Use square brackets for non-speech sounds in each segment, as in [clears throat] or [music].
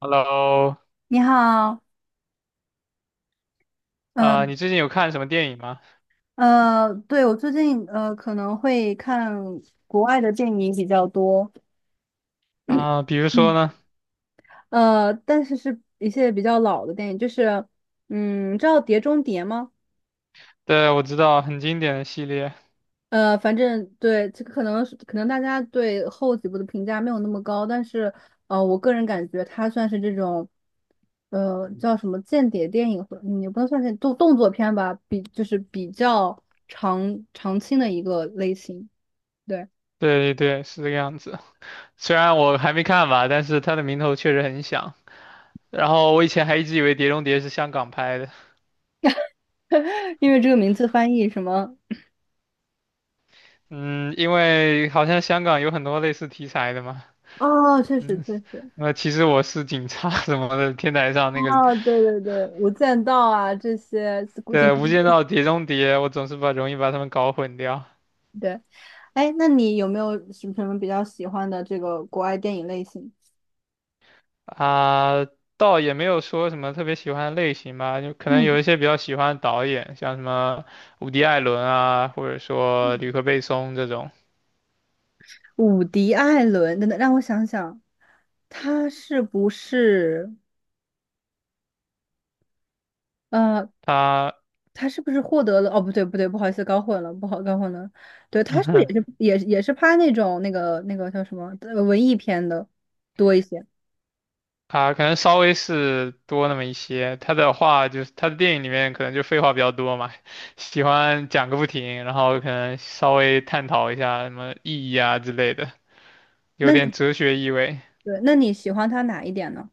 Hello，你好。啊、嗯你最近有看什么电影吗？对，我最近可能会看国外的电影比较多。啊、比如说嗯，呢？但是是一些比较老的电影，就是，你知道《碟中谍》吗？对，我知道很经典的系列，反正对这个可能是可能大家对后几部的评价没有那么高，但是我个人感觉它算是这种，叫什么间谍电影，或也不能算是动作片吧，就是比较长青的一个类型。对。对对对，是这个样子。虽然我还没看吧，但是它的名头确实很响。然后我以前还一直以为《碟中谍》是香港拍的，[laughs] 因为这个名字翻译什么？嗯，因为好像香港有很多类似题材的嘛，哦，确实嗯，确实。那其实我是警察 [laughs] 什么的，[laughs] 天台上那哦，个，对对对，《无间道》啊，这些古对，井，《无间道》《碟中谍》，我总是把容易把他们搞混掉。对。哎，那你有没有什么比较喜欢的这个国外电影类型？啊，倒也没有说什么特别喜欢的类型吧，就可能嗯，有一些比较喜欢的导演，像什么伍迪·艾伦啊，或者说吕克·贝松这种，伍迪·艾伦，等等，让我想想，他是不是呃，他 他是不是获得了？哦，不对，不对，不好意思，搞混了，不好，搞混了。对，他是不是也是 [laughs] 也也是拍那种那个叫什么文艺片的多一些？啊，可能稍微是多那么一些。他的话就是他的电影里面可能就废话比较多嘛，[laughs] 喜欢讲个不停，然后可能稍微探讨一下什么意义啊之类的，有那点哲学意味。对，那你喜欢他哪一点呢？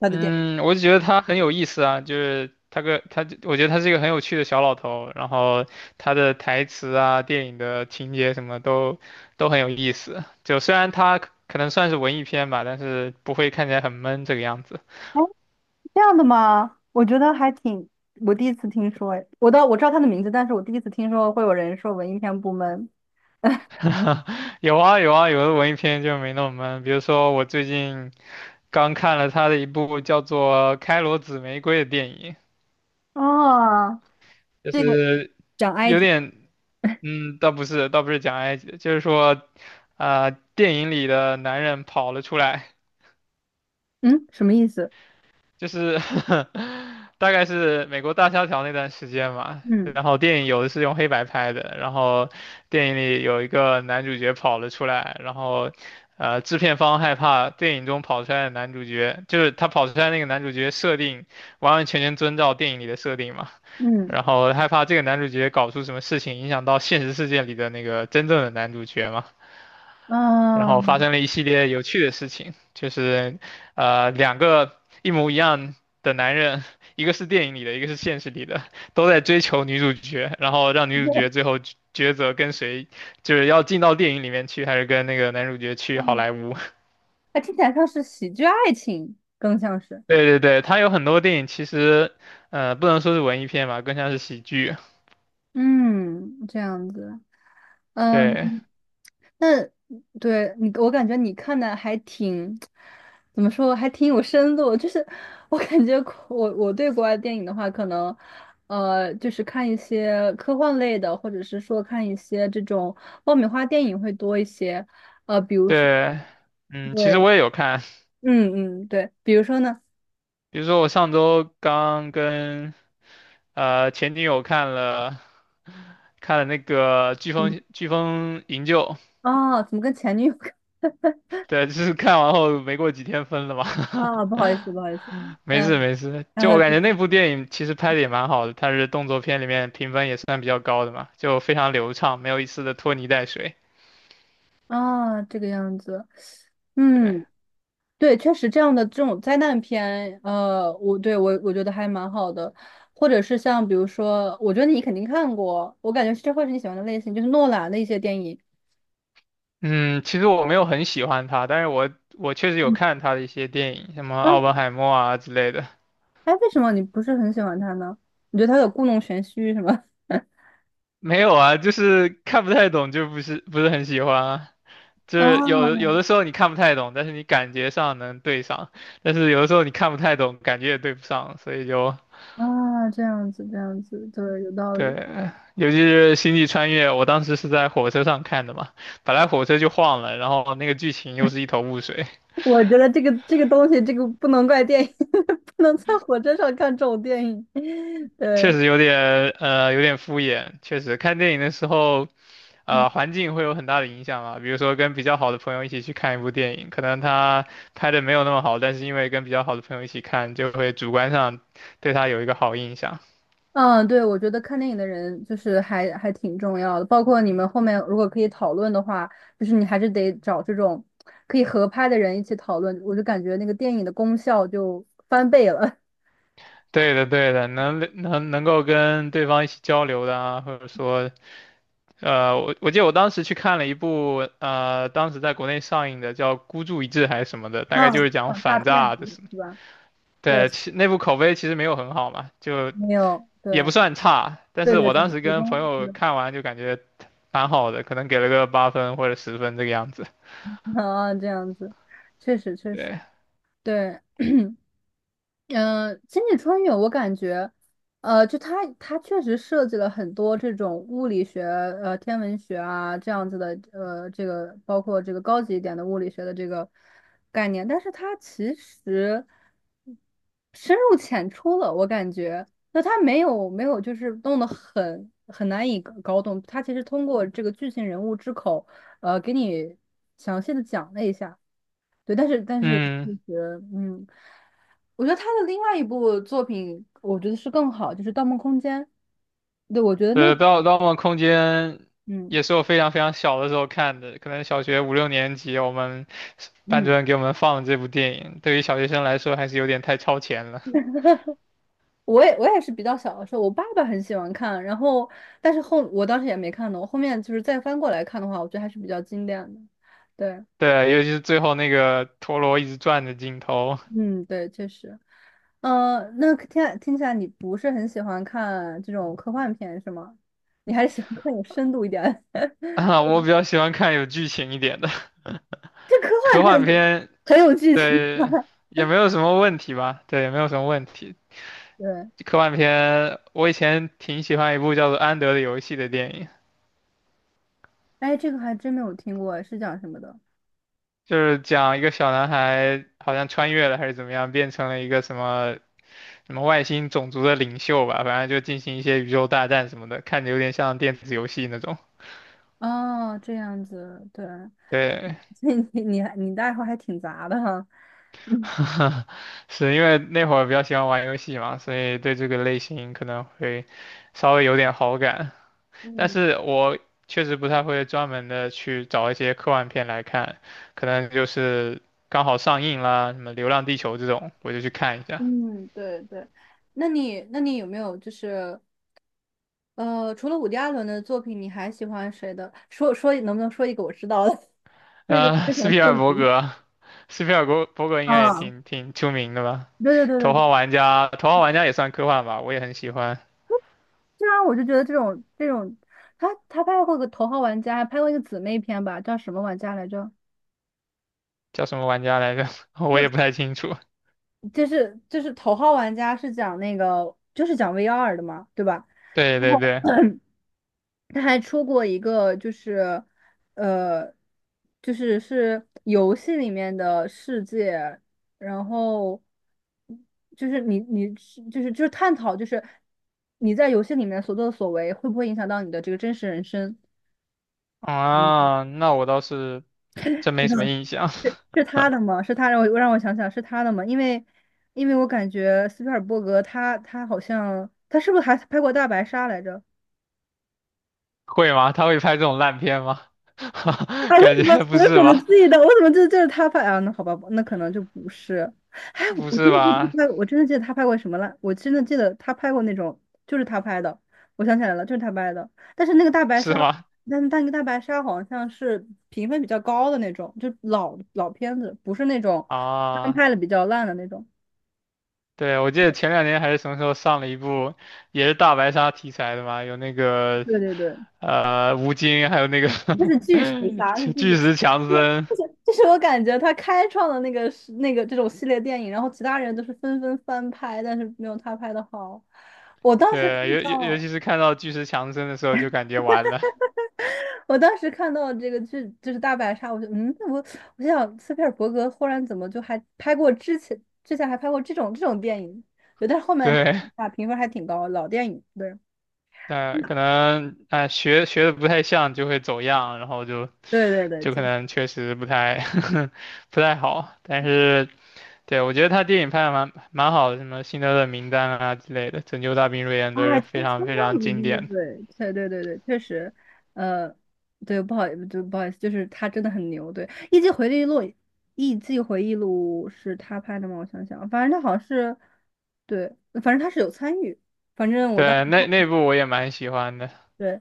他的电影？嗯，我就觉得他很有意思啊，就是他个他，我觉得他是一个很有趣的小老头，然后他的台词啊、电影的情节什么都很有意思。就虽然他可能算是文艺片吧，但是不会看起来很闷这个样子。哎，这样的吗？我觉得还挺，我第一次听说，哎，我知道他的名字，但是我第一次听说会有人说文艺片部门。 [laughs] 有啊有啊，有的文艺片就没那么闷，比如说我最近刚看了他的一部叫做《开罗紫玫瑰》的电影，哦，就这个是讲埃有及？点。嗯，倒不是，倒不是讲埃及的就是说，电影里的男人跑了出来，嗯，什么意思？就是 [laughs] 大概是美国大萧条那段时间嘛。嗯然后电影有的是用黑白拍的，然后电影里有一个男主角跑了出来，然后，制片方害怕电影中跑出来的男主角，就是他跑出来那个男主角设定完完全全遵照电影里的设定嘛，嗯然后害怕这个男主角搞出什么事情影响到现实世界里的那个真正的男主角嘛。然后发嗯，生了一系列有趣的事情，就是两个一模一样的男人，一个是电影里的，一个是现实里的，都在追求女主角，然后让女主角最后抉择跟谁，就是要进到电影里面去，还是跟那个男主角去好嗯莱坞。[laughs] 它 [laughs] 听起来像是喜剧爱情，更像是。对对对，他有很多电影其实不能说是文艺片吧，更像是喜剧。嗯，这样子。嗯。对那对你，我感觉你看的还挺，怎么说，还挺有深度。就是我感觉我对国外电影的话，可能就是看一些科幻类的，或者是说看一些这种爆米花电影会多一些。呃，比如说，对，嗯，其实对。我也有看，嗯对，比如说呢。比如说我上周刚跟前女友看了那个《飓风营救》，啊，哦怎么跟前女友 [laughs] 对，就是看完后没过几天分了嘛。啊？不好意思，不好意思。[laughs] 没事嗯，没事，然就后我感就，觉那部电影其实拍的也蛮好的，它是动作片里面评分也算比较高的嘛，就非常流畅，没有一丝的拖泥带水。啊，这个样子，对，嗯。对，确实这样的这种灾难片。呃，我对我我觉得还蛮好的，或者是像比如说，我觉得你肯定看过，我感觉这会是你喜欢的类型，就是诺兰的一些电影。嗯，其实我没有很喜欢他，但是我确实有嗯，看他的一些电影，什么哎，《奥本海默》啊之类的。哎，为什么你不是很喜欢他呢？你觉得他有故弄玄虚是吗？[laughs] 没有啊，就是看不太懂，就不是不是很喜欢啊。就啊，是有的时候你看不太懂，但是你感觉上能对上；但是有的时候你看不太懂，感觉也对不上，所以就啊，这样子，这样子，对，有道理。对。尤其是《星际穿越》，我当时是在火车上看的嘛，本来火车就晃了，然后那个剧情又是一头雾水，我觉得这个东西，这个不能怪电影，[laughs] 不能在火车上看这种电影。[laughs] 确对，实有点敷衍。确实看电影的时候嗯。环境会有很大的影响啊，比如说跟比较好的朋友一起去看一部电影，可能他拍的没有那么好，但是因为跟比较好的朋友一起看，就会主观上对他有一个好印象。嗯，对，我觉得看电影的人就是还挺重要的，包括你们后面如果可以讨论的话，就是你还是得找这种可以合拍的人一起讨论，我就感觉那个电影的功效就翻倍了。对的，对的，能够跟对方一起交流的啊，或者说，我记得我当时去看了一部，当时在国内上映的叫《孤注一掷》还是什么的，[laughs] 大啊，概就是讲仿大反片诈的子事。是吧？对，对，那部口碑其实没有很好嘛，就没有，也不对，算差，但对是对我对，当时提跟朋供，友对。看完就感觉蛮好的，可能给了个8分或者10分这个样子。[laughs] 啊，这样子，确实确实，对，对。嗯，呃星际穿越我感觉，呃，就它确实设计了很多这种物理学、呃天文学啊这样子的，呃，这个包括这个高级一点的物理学的这个概念，但是它其实深入浅出了，我感觉。那它没有就是弄得很难以搞懂，它其实通过这个剧情人物之口，给你详细的讲了一下，对，但是嗯，其实，嗯。我觉得他的另外一部作品，我觉得是更好，就是《盗梦空间》。对，我觉得那，对，《盗梦空间》嗯也是我非常非常小的时候看的，可能小学五六年级，我们班主嗯，任给我们放这部电影，对于小学生来说还是有点太超前了。我也是比较小的时候，我爸爸很喜欢看，然后但是后我当时也没看懂，我后面就是再翻过来看的话，我觉得还是比较经典的。对，对，尤其是最后那个陀螺一直转的镜头，嗯，对，确实。呃，那听起来听起来你不是很喜欢看这种科幻片是吗？你还是喜欢看有深度一点的。[laughs] 啊，我比较喜欢看有剧情一点的这科幻科片幻片，很有剧情吗？对，也没有什么问题吧，对，也没有什么问题。[laughs] 对。科幻片，我以前挺喜欢一部叫做《安德的游戏》的电影，哎，这个还真没有听过，是讲什么的？就是讲一个小男孩好像穿越了还是怎么样，变成了一个什么什么外星种族的领袖吧，反正就进行一些宇宙大战什么的，看着有点像电子游戏那种。哦，这样子，对。对，[laughs] 所以你的爱好还挺杂的哈。[laughs] 嗯 [laughs] 是因为那会儿比较喜欢玩游戏嘛，所以对这个类型可能会稍微有点好感。但嗯是我确实不太会专门的去找一些科幻片来看，可能就是刚好上映啦，什么《流浪地球》这种，我就去看一下。嗯，对对，那你有没有就是，除了伍迪·艾伦的作品，你还喜欢谁的？说能不能说一个我知道的？[laughs] 说一个非斯常皮著尔伯名。格，斯皮尔伯格 [laughs] 应该也啊，挺出名的吧？对对对对《头对。号玩家》，《头号玩家》也算科幻吧，我也很喜欢。这样我就觉得这种这种，他拍过个《头号玩家》，还拍过一个姊妹片吧，叫什么玩家来着？叫什么玩家来着？[laughs] 我也不就太清楚。就就是《头号玩家》是讲那个就是讲 VR 的嘛，对吧？对对对，他还出过一个，就是，呃，就是是游戏里面的世界，然后就是你是就是探讨，就是你在游戏里面所作所为会不会影响到你的这个真实人生？嗯，啊，那我倒是真没什么印象。是他的吗？是他，让我想想是他的吗？因为因为我感觉斯皮尔伯格他好像他是不是还拍过《大白鲨》来着？[laughs] 会吗？他会拍这种烂片吗？[laughs] 啊！[laughs] 为什感么 觉 [laughs] 不我是怎么吧？记得？我怎么记得这是他拍啊？那好吧，那可能就不是。哎，不我是真的记得吧？他拍，我真的记得他拍过什么了？我真的记得他拍过那种，就是他拍的。我想起来了，就是他拍的。但是那个大 [laughs] 白是鲨，吗？但那个大白鲨好像是评分比较高的那种，就老片子，不是那种刚啊，拍的比较烂的那种。对，我记得前两年还是什么时候上了一部，也是大白鲨题材的嘛，有那个对对对，吴京，还有那个 那是巨齿 [laughs] 鲨，是巨巨巨齿。石强就是森，就是我感觉他开创的那个是那个这种系列电影，然后其他人都是纷纷翻拍，但是没有他拍的好。我当时看对，尤尤尤到，其是看到巨石强森的时候，就感觉完了，我当时看到这个剧就是大白鲨，我就嗯，我我想斯皮尔伯格忽然怎么就还拍过之前还拍过这种电影，对，但是后面看对，一下评分还挺高，老电影，对可能哎、学的不太像就会走样，然后就对对对，就可就能确实不太 [laughs] 不太好。但是对我觉得他电影拍的蛮好的，什么《辛德勒名单》啊之类的，《拯救大兵瑞恩》哎都是他非常相非常当努经力，典的。对，对对对对，确实，呃，对，不好，不好意思，就是他真的很牛，对，《艺伎回忆录》，《艺伎回忆录》是他拍的吗？我想想，反正他好像是，对，反正他是有参与，反正我当对，时，那部我也蛮喜欢的，对，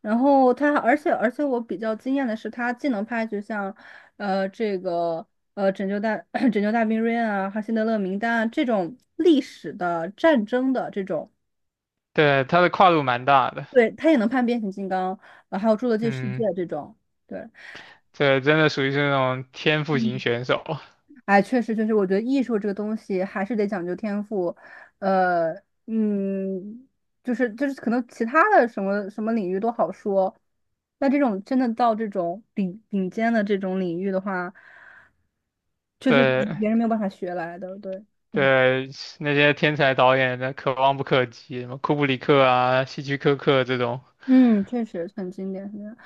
然后他，而且我比较惊艳的是，他既能拍，就像，呃，这个。呃，拯救大 [clears throat] 拯救大兵瑞恩啊，还有辛德勒名单啊，这种历史的战争的这种。对，他的跨度蛮大的。对，他也能判变形金刚，呃，还有《侏罗纪世界》嗯，这种。对，这真的属于是那种天赋型嗯，选手。哎，确实，确实，我觉得艺术这个东西还是得讲究天赋，呃，嗯，就是，可能其他的什么领域都好说，那这种真的到这种顶尖的这种领域的话，确实对别人没有办法学来的。对，对，那些天才导演的可望不可及，什么库布里克啊、希区柯克这种。嗯，确实很经典，很经典。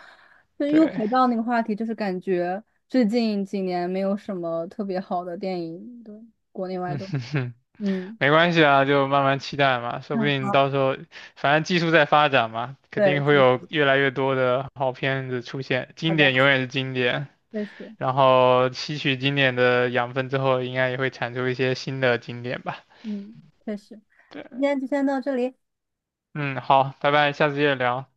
就又对，回到那个话题，就是感觉最近几年没有什么特别好的电影，对，国内 [laughs] 外嗯都，哼哼，嗯，没关系啊，就慢慢期待嘛，说不嗯，定好，到时候，反正技术在发展嘛，肯对，定会有嗯，越来越多的好片子出现，好经的，典永远是经典，确实，然后吸取经典的养分之后，应该也会产出一些新的经典吧。嗯，确实，今对，天就先到这里。嗯，好，拜拜，下次接着聊。